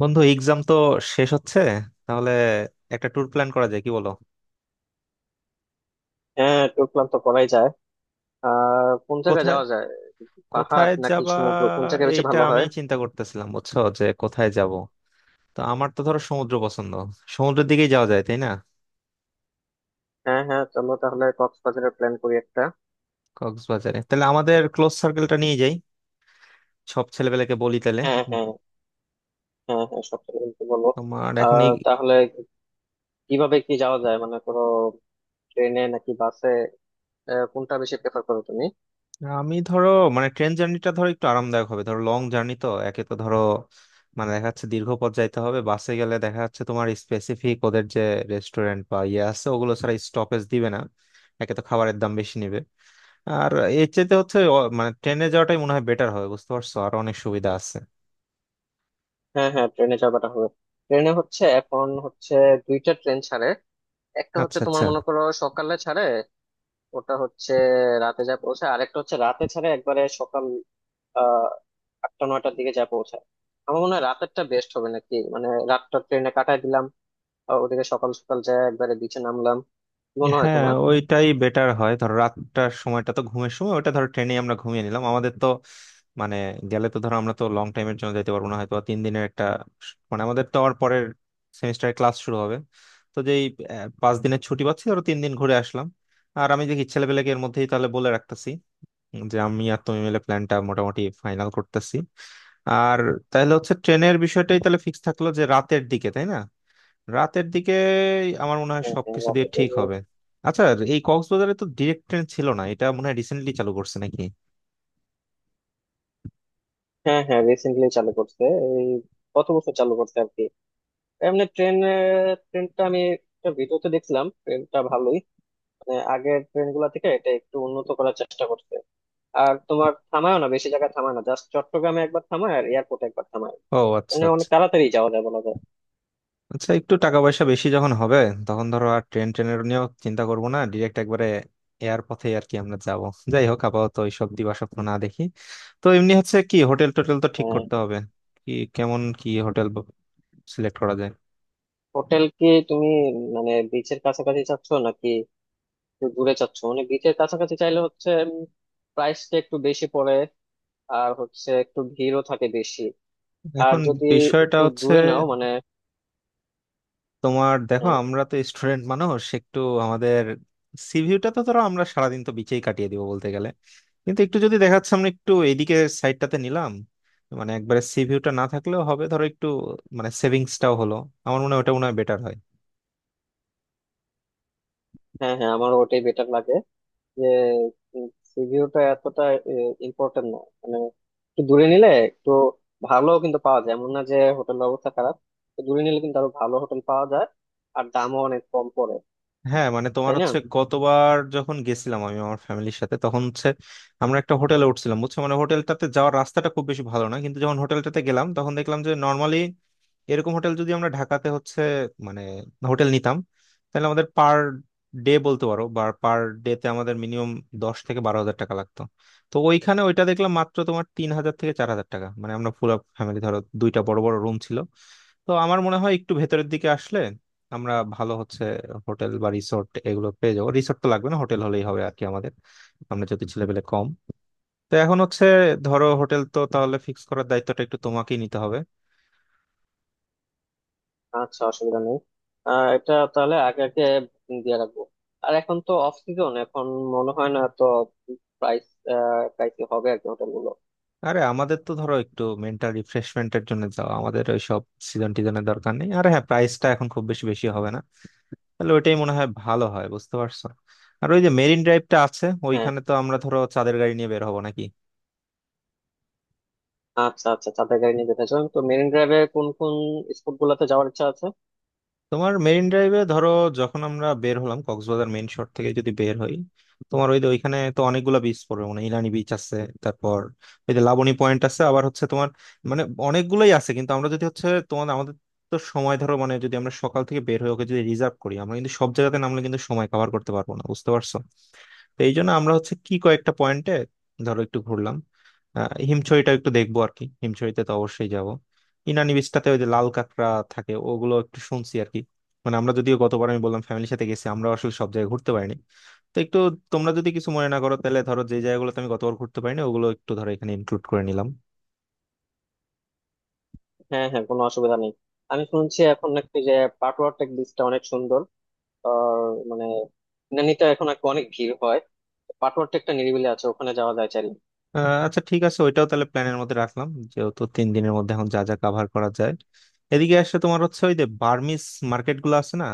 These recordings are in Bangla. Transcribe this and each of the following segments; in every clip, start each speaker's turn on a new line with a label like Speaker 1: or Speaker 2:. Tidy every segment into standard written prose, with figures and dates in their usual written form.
Speaker 1: বন্ধু, এক্সাম তো শেষ হচ্ছে, তাহলে একটা ট্যুর প্ল্যান করা যায়, কি বলো?
Speaker 2: হ্যাঁ ট্যুর প্ল্যান তো করাই যায়। আর কোন জায়গায়
Speaker 1: কোথায়
Speaker 2: যাওয়া যায়? পাহাড়
Speaker 1: কোথায়
Speaker 2: নাকি
Speaker 1: যাবা,
Speaker 2: সমুদ্র, কোন জায়গায় বেশি
Speaker 1: এইটা
Speaker 2: ভালো
Speaker 1: আমি
Speaker 2: হয়?
Speaker 1: চিন্তা করতেছিলাম, বুঝছো? যে কোথায় যাব। তো আমার তো ধরো সমুদ্র পছন্দ, সমুদ্রের দিকেই যাওয়া যায়, তাই না?
Speaker 2: হ্যাঁ হ্যাঁ চলো তাহলে কক্সবাজারের প্ল্যান করি একটা।
Speaker 1: কক্সবাজারে তাহলে আমাদের ক্লোজ সার্কেলটা নিয়ে যাই, সব ছেলেপেলেকে বলি তাহলে।
Speaker 2: হ্যাঁ হ্যাঁ। হ্যাঁ হ্যাঁ সব থেকে কিন্তু বলো।
Speaker 1: তোমার এখন
Speaker 2: আর তাহলে কিভাবে কি যাওয়া যায়, মানে কোনো ট্রেনে নাকি বাসে? কোনটা বেশি প্রেফার করো তুমি?
Speaker 1: আমি ধরো, মানে ট্রেন জার্নিটা ধরো একটু আরামদায়ক হবে, ধরো লং জার্নি তো, একে তো ধরো মানে দেখা যাচ্ছে দীর্ঘ পথ যাইতে হবে, বাসে গেলে দেখা যাচ্ছে তোমার স্পেসিফিক ওদের যে রেস্টুরেন্ট বা ইয়ে আছে ওগুলো ছাড়া স্টপেজ দিবে না, একে তো খাবারের দাম বেশি নিবে। আর এর চাইতে হচ্ছে মানে ট্রেনে যাওয়াটাই মনে হয় বেটার হবে, বুঝতে পারছো? আর অনেক সুবিধা আছে।
Speaker 2: হ্যাঁ হ্যাঁ ট্রেনে যাওয়াটা হবে। ট্রেনে হচ্ছে এখন হচ্ছে দুইটা ট্রেন ছাড়ে। একটা হচ্ছে
Speaker 1: আচ্ছা
Speaker 2: তোমার
Speaker 1: আচ্ছা।
Speaker 2: মনে করো সকালে ছাড়ে, ওটা হচ্ছে রাতে যা পৌঁছে। আরেকটা হচ্ছে রাতে ছাড়ে, একবারে সকাল আহ 8টা 9টার দিকে যা পৌঁছায়। আমার মনে হয় রাতেরটা বেস্ট হবে, নাকি মানে রাতটা ট্রেনে কাটায় দিলাম আর ওদিকে সকাল সকাল যায় একবারে বিচে নামলাম। কি মনে হয়
Speaker 1: হ্যাঁ,
Speaker 2: তোমার?
Speaker 1: ওইটাই বেটার হয়, ধর রাতটার সময়টা তো ঘুমের সময়, ওটা ধর ট্রেনে আমরা ঘুমিয়ে নিলাম, আমাদের তো মানে গেলে তো ধর আমরা তো লং টাইমের জন্য যেতে পারবো না, হয়তো বা 3 দিনের একটা মানে আমাদের তো আবার পরের সেমিস্টারে ক্লাস শুরু হবে। তো যেই 5 দিনের ছুটি পাচ্ছি, ধরো 3 দিন ঘুরে আসলাম। আর আমি দেখি ছেলেপেলেকে এর মধ্যেই তাহলে বলে রাখতেছি, যে আমি আর তুমি মিলে প্ল্যানটা মোটামুটি ফাইনাল করতেছি। আর তাহলে হচ্ছে ট্রেনের বিষয়টাই তাহলে ফিক্স থাকলো, যে রাতের দিকে, তাই না? রাতের দিকে আমার মনে হয়
Speaker 2: হ্যাঁ হ্যাঁ
Speaker 1: সবকিছু দিয়ে ঠিক
Speaker 2: রাতে-
Speaker 1: হবে। আচ্ছা, এই কক্সবাজারে তো ডিরেক্ট ট্রেন ছিল না, এটা মনে হয় রিসেন্টলি চালু করছে নাকি?
Speaker 2: হ্যাঁ হ্যাঁ রিসেন্টলি চালু করছে। এই কত বছর চালু করছে আর কি, এমনি ট্রেন। ট্রেনটা আমি একটা ভিডিওতে দেখছিলাম, ট্রেনটা ভালোই, মানে আগের ট্রেন গুলা থেকে এটা একটু উন্নত করার চেষ্টা করছে। আর তোমার থামায় না, বেশি জায়গায় থামায় না, জাস্ট চট্টগ্রামে একবার থামায় আর এয়ারপোর্টে একবার থামায়।
Speaker 1: ও আচ্ছা
Speaker 2: মানে
Speaker 1: আচ্ছা।
Speaker 2: অনেক তাড়াতাড়ি যাওয়া যায় বলা যায়।
Speaker 1: আচ্ছা, একটু টাকা পয়সা বেশি যখন হবে, তখন ধরো আর ট্রেনের নিয়েও চিন্তা করবো না, ডিরেক্ট একবারে এয়ার পথে আর কি আমরা যাব। যাই হোক, আপাতত এইসব দিবাস্বপ্ন না দেখি। তো এমনি হচ্ছে কি, হোটেল টোটেল তো ঠিক
Speaker 2: হ্যাঁ।
Speaker 1: করতে হবে। কি কেমন কি হোটেল সিলেক্ট করা যায়?
Speaker 2: হোটেল কি তুমি মানে বিচের কাছাকাছি চাচ্ছ নাকি একটু দূরে চাচ্ছ? মানে বিচের কাছাকাছি চাইলে হচ্ছে প্রাইসটা একটু বেশি পড়ে, আর হচ্ছে একটু ভিড়ও থাকে বেশি। আর
Speaker 1: এখন
Speaker 2: যদি
Speaker 1: বিষয়টা
Speaker 2: একটু
Speaker 1: হচ্ছে
Speaker 2: দূরে নাও মানে
Speaker 1: তোমার দেখো
Speaker 2: আহ,
Speaker 1: আমরা তো স্টুডেন্ট মানুষ, একটু আমাদের সিভিউটা তো ধরো, আমরা সারাদিন তো বিচেই কাটিয়ে দিব বলতে গেলে, কিন্তু একটু যদি দেখা যাচ্ছে আমরা একটু এইদিকে সাইডটাতে নিলাম, মানে একবারে সিভিউটা না থাকলেও হবে, ধরো একটু মানে সেভিংসটাও হলো, আমার মনে হয় ওটা মনে হয় বেটার হয়।
Speaker 2: হ্যাঁ হ্যাঁ আমার ওটাই বেটার লাগে। যে সি ভিউটা এতটা ইম্পর্টেন্ট না মানে, একটু দূরে নিলে একটু ভালো কিন্তু পাওয়া যায়, এমন না যে হোটেলের অবস্থা খারাপ। তো দূরে নিলে কিন্তু আরো ভালো হোটেল পাওয়া যায় আর দামও অনেক কম পড়ে।
Speaker 1: হ্যাঁ, মানে তোমার
Speaker 2: তাই না?
Speaker 1: হচ্ছে গতবার যখন গেছিলাম আমি আমার ফ্যামিলির সাথে, তখন হচ্ছে আমরা একটা হোটেলে উঠছিলাম, বুঝছো? মানে হোটেলটাতে যাওয়ার রাস্তাটা খুব বেশি ভালো না, কিন্তু যখন হোটেলটাতে গেলাম তখন দেখলাম যে নর্মালি এরকম হোটেল যদি আমরা ঢাকাতে হচ্ছে মানে হোটেল নিতাম, তাহলে আমাদের পার ডে বলতে পারো বা পার ডে তে আমাদের মিনিমাম 10 থেকে 12 হাজার টাকা লাগতো। তো ওইখানে ওইটা দেখলাম মাত্র তোমার 3 হাজার থেকে 4 হাজার টাকা, মানে আমরা পুরো ফ্যামিলি ধরো দুইটা বড় বড় রুম ছিল। তো আমার মনে হয় একটু ভেতরের দিকে আসলে আমরা ভালো হচ্ছে হোটেল বা রিসোর্ট এগুলো পেয়ে যাবো। রিসোর্ট তো লাগবে না, হোটেল হলেই হবে আর কি, আমাদের আমরা যদি ছেলেপেলে কম। তো এখন হচ্ছে ধরো হোটেল তো তাহলে ফিক্স করার দায়িত্বটা একটু তোমাকেই নিতে হবে।
Speaker 2: আচ্ছা অসুবিধা নেই। এটা তাহলে আগে আগে দিয়ে রাখবো। আর এখন তো অফ সিজন, এখন মনে হয় না তো প্রাইস প্রাইসই হবে আর কি হোটেল গুলো।
Speaker 1: আরে আমাদের তো ধরো একটু মেন্টাল রিফ্রেশমেন্টের জন্য যাওয়া, আমাদের ওই সব সিজন টিজনের দরকার নেই, আর হ্যাঁ প্রাইসটা এখন খুব বেশি বেশি হবে না, তাহলে ওইটাই মনে হয় ভালো হয়, বুঝতে পারছো? আর ওই যে মেরিন ড্রাইভটা আছে,
Speaker 2: হ্যাঁ।
Speaker 1: ওইখানে তো আমরা ধরো চাঁদের গাড়ি নিয়ে বের হবো নাকি?
Speaker 2: আচ্ছা আচ্ছা চাঁদের গাড়ি নিয়ে যেতে চান, তো মেরিন ড্রাইভে কোন কোন স্পট গুলাতে যাওয়ার ইচ্ছা আছে?
Speaker 1: তোমার মেরিন ড্রাইভে ধরো যখন আমরা বের হলাম, কক্সবাজার মেইন শহর থেকে যদি বের হই, তোমার ওই যে ওইখানে তো অনেকগুলো বিচ পড়বে, মানে ইলানি বিচ আছে, তারপর ওই যে লাবণী পয়েন্ট আছে, আবার হচ্ছে তোমার মানে অনেকগুলোই আছে, কিন্তু আমরা যদি হচ্ছে তোমার আমাদের তো সময় ধরো, মানে যদি আমরা সকাল থেকে বের হয়ে ওকে যদি রিজার্ভ করি, আমরা কিন্তু সব জায়গাতে নামলে কিন্তু সময় কভার করতে পারবো না, বুঝতে পারছো? তো এই জন্য আমরা হচ্ছে কি কয়েকটা পয়েন্টে ধরো একটু ঘুরলাম। হিমছড়িটা একটু দেখবো আর কি, হিমছড়িতে তো অবশ্যই যাব। ইনানি বিচটাতে ওই যে লাল কাঁকড়া থাকে ওগুলো একটু শুনছি আর কি, মানে আমরা যদিও গতবার আমি বললাম ফ্যামিলির সাথে গেছি, আমরা আসলে সব জায়গায় ঘুরতে পারিনি। তো একটু তোমরা যদি কিছু মনে না করো, তাহলে ধরো যে জায়গাগুলোতে আমি গতবার ঘুরতে পারিনি ওগুলো একটু ধরো এখানে ইনক্লুড করে নিলাম।
Speaker 2: হ্যাঁ হ্যাঁ কোনো অসুবিধা নেই। আমি শুনছি এখন নাকি যে পাটওয়ার টেক বিচটা অনেক সুন্দর। আর মানে ইনানিতে এখন নাকি অনেক ভিড় হয়, পাটওয়ার টেকটা নিরিবিলি আছে, ওখানে যাওয়া যায় চাইলে।
Speaker 1: আচ্ছা ঠিক আছে, ওইটাও তাহলে প্ল্যানের মধ্যে রাখলাম, যেহেতু 3 দিনের মধ্যে এখন যা যা কাভার করা যায়। এদিকে আসলে তোমার হচ্ছে ওই যে বার্মিস মার্কেট গুলো আছে না,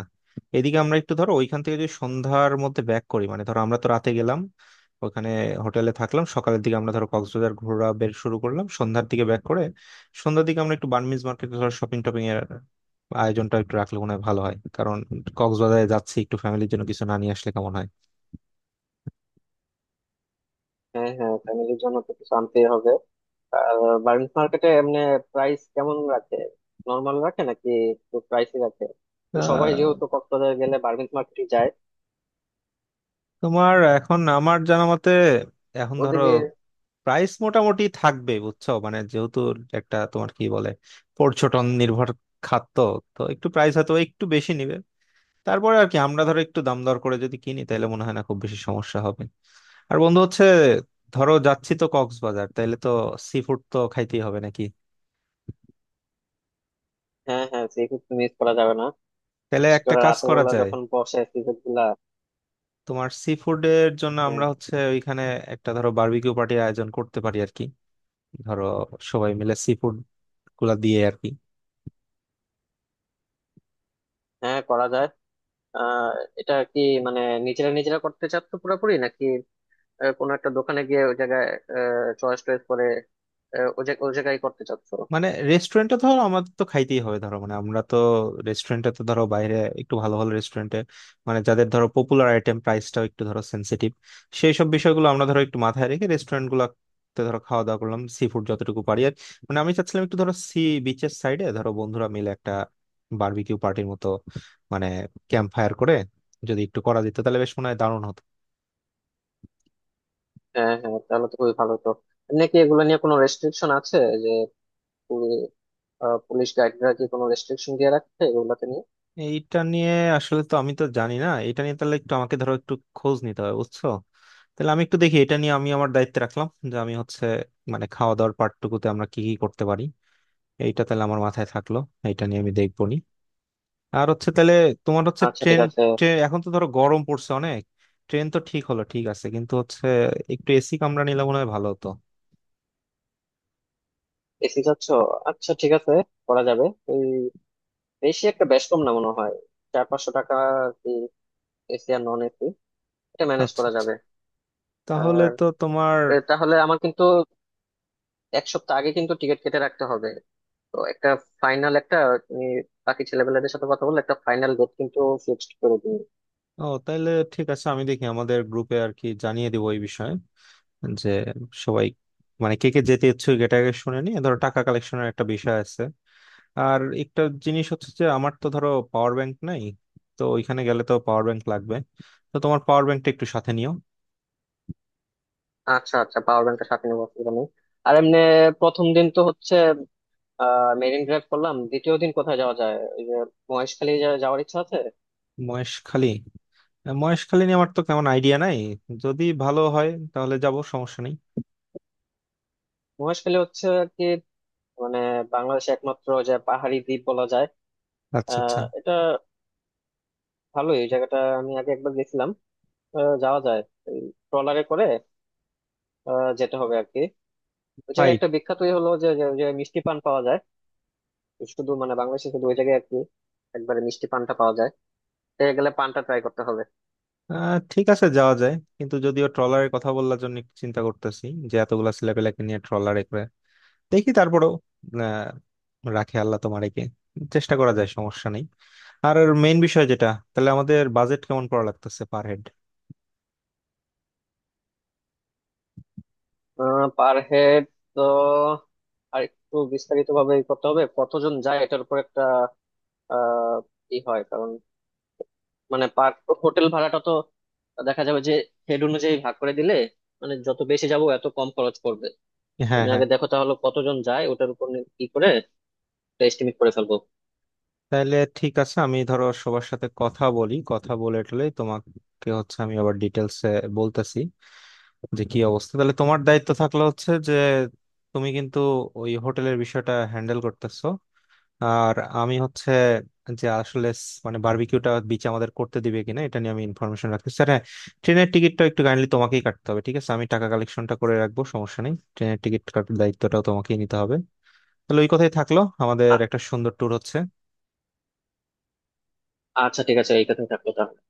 Speaker 1: এদিকে আমরা একটু ধরো ওইখান থেকে যদি সন্ধ্যার মধ্যে ব্যাক করি, মানে ধরো আমরা তো রাতে গেলাম ওখানে, হোটেলে থাকলাম, সকালের দিকে আমরা ধরো কক্সবাজার ঘোরা বের শুরু করলাম, সন্ধ্যার দিকে ব্যাক করে সন্ধ্যার দিকে আমরা একটু বার্মিস মার্কেট ধরো শপিং টপিং এর আয়োজনটা একটু রাখলে মনে হয় ভালো হয়, কারণ কক্সবাজারে যাচ্ছি একটু ফ্যামিলির জন্য কিছু না নিয়ে আসলে কেমন
Speaker 2: হ্যাঁ হ্যাঁ ফ্যামিলির জন্য তো কিছু আনতেই হবে। বার্মিজ মার্কেটে এমনি প্রাইস কেমন রাখে? নর্মাল রাখে নাকি একটু প্রাইসই রাখে? তো সবাই
Speaker 1: হয়।
Speaker 2: যেহেতু কক্সবাজার গেলে বার্মিজ মার্কেটে যায়
Speaker 1: তোমার এখন আমার জানা মতে এখন ধরো
Speaker 2: ওদিকে।
Speaker 1: প্রাইস মোটামুটি থাকবে, বুঝছো? মানে যেহেতু একটা তোমার কি বলে, পর্যটন নির্ভর খাত তো, তো একটু প্রাইস হয়তো একটু বেশি নিবে। তারপরে আর কি আমরা ধরো একটু দাম দর করে যদি কিনি, তাহলে মনে হয় না খুব বেশি সমস্যা হবে। আর বন্ধু হচ্ছে ধরো যাচ্ছি তো কক্সবাজার, তাহলে তো সি ফুড তো খাইতেই হবে নাকি।
Speaker 2: হ্যাঁ হ্যাঁ সি ফুড মিস করা যাবে না,
Speaker 1: তাহলে
Speaker 2: বিশেষ
Speaker 1: একটা
Speaker 2: করে
Speaker 1: কাজ
Speaker 2: রাতের
Speaker 1: করা
Speaker 2: বেলা
Speaker 1: যায়,
Speaker 2: যখন বসে সি ফুড গুলা।
Speaker 1: তোমার সি ফুডের জন্য আমরা
Speaker 2: হ্যাঁ,
Speaker 1: হচ্ছে ওইখানে একটা ধরো বারবিকিউ পার্টির আয়োজন করতে পারি আর কি, ধরো সবাই মিলে সি ফুড গুলা দিয়ে আর কি।
Speaker 2: হ্যাঁ, করা যায়। আহ এটা কি মানে নিজেরা নিজেরা করতে চাচ্ছ পুরোপুরি, নাকি কোনো একটা দোকানে গিয়ে ওই জায়গায় চয়েস টয়েস করে ওই জায়গায় করতে চাচ্ছ?
Speaker 1: মানে রেস্টুরেন্টে ধরো আমাদের তো খাইতেই হবে ধরো, মানে আমরা তো রেস্টুরেন্টে তো ধরো বাইরে একটু ভালো ভালো রেস্টুরেন্টে, মানে যাদের ধরো পপুলার আইটেম, প্রাইসটাও একটু ধরো সেন্সিটিভ, সেই সব বিষয়গুলো আমরা ধরো একটু মাথায় রেখে রেস্টুরেন্ট গুলাতে ধরো খাওয়া দাওয়া করলাম সি ফুড যতটুকু পারি। আর মানে আমি চাচ্ছিলাম একটু ধরো সি বিচের সাইডে ধরো বন্ধুরা মিলে একটা বারবিকিউ পার্টির মতো, মানে ক্যাম্প ফায়ার করে যদি একটু করা যেত, তাহলে বেশ মনে হয় দারুণ হতো।
Speaker 2: হ্যাঁ হ্যাঁ তাহলে তো খুবই ভালো তো। এমনি কি এগুলো নিয়ে কোনো রেস্ট্রিকশন আছে? যে পুলিশ গাইডরা কি কোনো রেস্ট্রিকশন দিয়ে রাখছে এগুলাতে নিয়ে?
Speaker 1: এইটা নিয়ে আসলে তো আমি তো জানি না, এটা নিয়ে তাহলে একটু আমাকে ধরো একটু খোঁজ নিতে হবে, বুঝছো? তাহলে আমি একটু দেখি এটা নিয়ে, আমি আমার দায়িত্বে রাখলাম, যে আমি হচ্ছে মানে খাওয়া দাওয়ার পার্টটুকুতে আমরা কি কি করতে পারি, এইটা তাহলে আমার মাথায় থাকলো, এইটা নিয়ে আমি দেখবো নি। আর হচ্ছে তাহলে তোমার হচ্ছে
Speaker 2: আচ্ছা ঠিক
Speaker 1: ট্রেন,
Speaker 2: আছে।
Speaker 1: এখন তো ধরো গরম পড়ছে অনেক, ট্রেন তো ঠিক হলো ঠিক আছে, কিন্তু হচ্ছে একটু এসি কামরা নিলে মনে হয় ভালো হতো।
Speaker 2: এসি যাচ্ছ? আচ্ছা ঠিক আছে করা যাবে। ওই বেশি একটা, বেশ কম না মনে হয়, 400-500 টাকা আর কি এসি আর নন এসি। এটা ম্যানেজ
Speaker 1: আচ্ছা
Speaker 2: করা
Speaker 1: আচ্ছা,
Speaker 2: যাবে।
Speaker 1: তাহলে
Speaker 2: আর
Speaker 1: তো তোমার।
Speaker 2: তাহলে আমার কিন্তু 1 সপ্তাহ আগে কিন্তু টিকিট কেটে রাখতে হবে। তো একটা ফাইনাল একটা, তুমি বাকি ছেলেপেলেদের সাথে কথা বলে একটা ফাইনাল ডেট কিন্তু ফিক্সড করে দিই।
Speaker 1: ও তাহলে ঠিক আছে, আমি দেখি আমাদের গ্রুপে আর কি জানিয়ে দিব এই বিষয়ে, যে সবাই মানে কে কে যেতে ইচ্ছুক, এটা আগে শুনে নিয়ে ধরো টাকা কালেকশনের একটা বিষয় আছে। আর একটা জিনিস হচ্ছে যে আমার তো ধরো পাওয়ার ব্যাংক নাই, তো ওইখানে গেলে তো পাওয়ার ব্যাংক লাগবে, তো তোমার পাওয়ার ব্যাংকটা একটু সাথে নিও।
Speaker 2: আচ্ছা আচ্ছা পাওয়ার ব্যাংকটা সাথে নেবো, অসুবিধা নেই। আর এমনি প্রথম দিন তো হচ্ছে মেরিন ড্রাইভ করলাম, দ্বিতীয় দিন কোথায় যাওয়া যায়? ওই যে মহেশখালী যাওয়ার ইচ্ছা আছে।
Speaker 1: মহেশখালী? মহেশখালী নিয়ে আমার তো কেমন আইডিয়া নাই, যদি ভালো হয় তাহলে যাব, সমস্যা নেই।
Speaker 2: মহেশখালী হচ্ছে আর কি মানে বাংলাদেশে একমাত্র যে পাহাড়ি দ্বীপ বলা যায়।
Speaker 1: আচ্ছা আচ্ছা।
Speaker 2: এটা ভালোই, এই জায়গাটা আমি আগে একবার গেছিলাম। যাওয়া যায় ট্রলারে করে, যেতে হবে আর কি। ওই জায়গায়
Speaker 1: ফাইট।
Speaker 2: একটা বিখ্যাতই হলো যে যে যে মিষ্টি পান পাওয়া যায়। শুধু মানে বাংলাদেশে শুধু ওই জায়গায় আর কি একবারে মিষ্টি পানটা পাওয়া যায়। সে গেলে পানটা ট্রাই করতে হবে।
Speaker 1: ঠিক আছে যাওয়া যায়, কিন্তু যদিও ট্রলারের কথা বলার জন্য একটু চিন্তা করতেছি, যে এতগুলা ছেলেপেলেকে নিয়ে ট্রলারে করে, দেখি তারপরেও। আহ, রাখে আল্লাহ, তোমার একে চেষ্টা করা যায়, সমস্যা নেই। আর মেইন বিষয় যেটা, তাহলে আমাদের বাজেট কেমন পড়া লাগতেছে পার হেড।
Speaker 2: পার হেড তো আর একটু বিস্তারিত ভাবে করতে হবে, কতজন যায় এটার উপর একটা আহ ই হয়। কারণ মানে পার হোটেল ভাড়াটা তো দেখা যাবে যে হেড অনুযায়ী ভাগ করে দিলে মানে যত বেশি যাব এত কম খরচ পড়বে।
Speaker 1: হ্যাঁ
Speaker 2: তুমি
Speaker 1: হ্যাঁ,
Speaker 2: আগে দেখো তাহলে কতজন যায়, ওটার উপর কি করে এস্টিমেট করে ফেলবো।
Speaker 1: তাহলে ঠিক আছে, আমি ধরো সবার সাথে কথা বলি, কথা বলে টলে তোমাকে হচ্ছে আমি আবার ডিটেলসে বলতেছি, যে কি অবস্থা। তাহলে তোমার দায়িত্ব থাকলো হচ্ছে যে তুমি কিন্তু ওই হোটেলের বিষয়টা হ্যান্ডেল করতেছো। আর আমি হচ্ছে যে আসলে মানে বারবিকিউটা বিচ আমাদের করতে দিবে কিনা এটা নিয়ে আমি ইনফরমেশন রাখছি, স্যার, হ্যাঁ। ট্রেনের টিকিটটা একটু কাইন্ডলি তোমাকেই কাটতে হবে, ঠিক আছে? আমি টাকা কালেকশনটা করে রাখবো, সমস্যা নেই। ট্রেনের টিকিট কাটার দায়িত্বটাও তোমাকেই নিতে হবে। তাহলে ওই কথাই থাকলো, আমাদের
Speaker 2: আ-
Speaker 1: একটা সুন্দর ট্যুর হচ্ছে।
Speaker 2: আচ্ছা ঠিক আছে এই কথাই থাকলো তাহলে।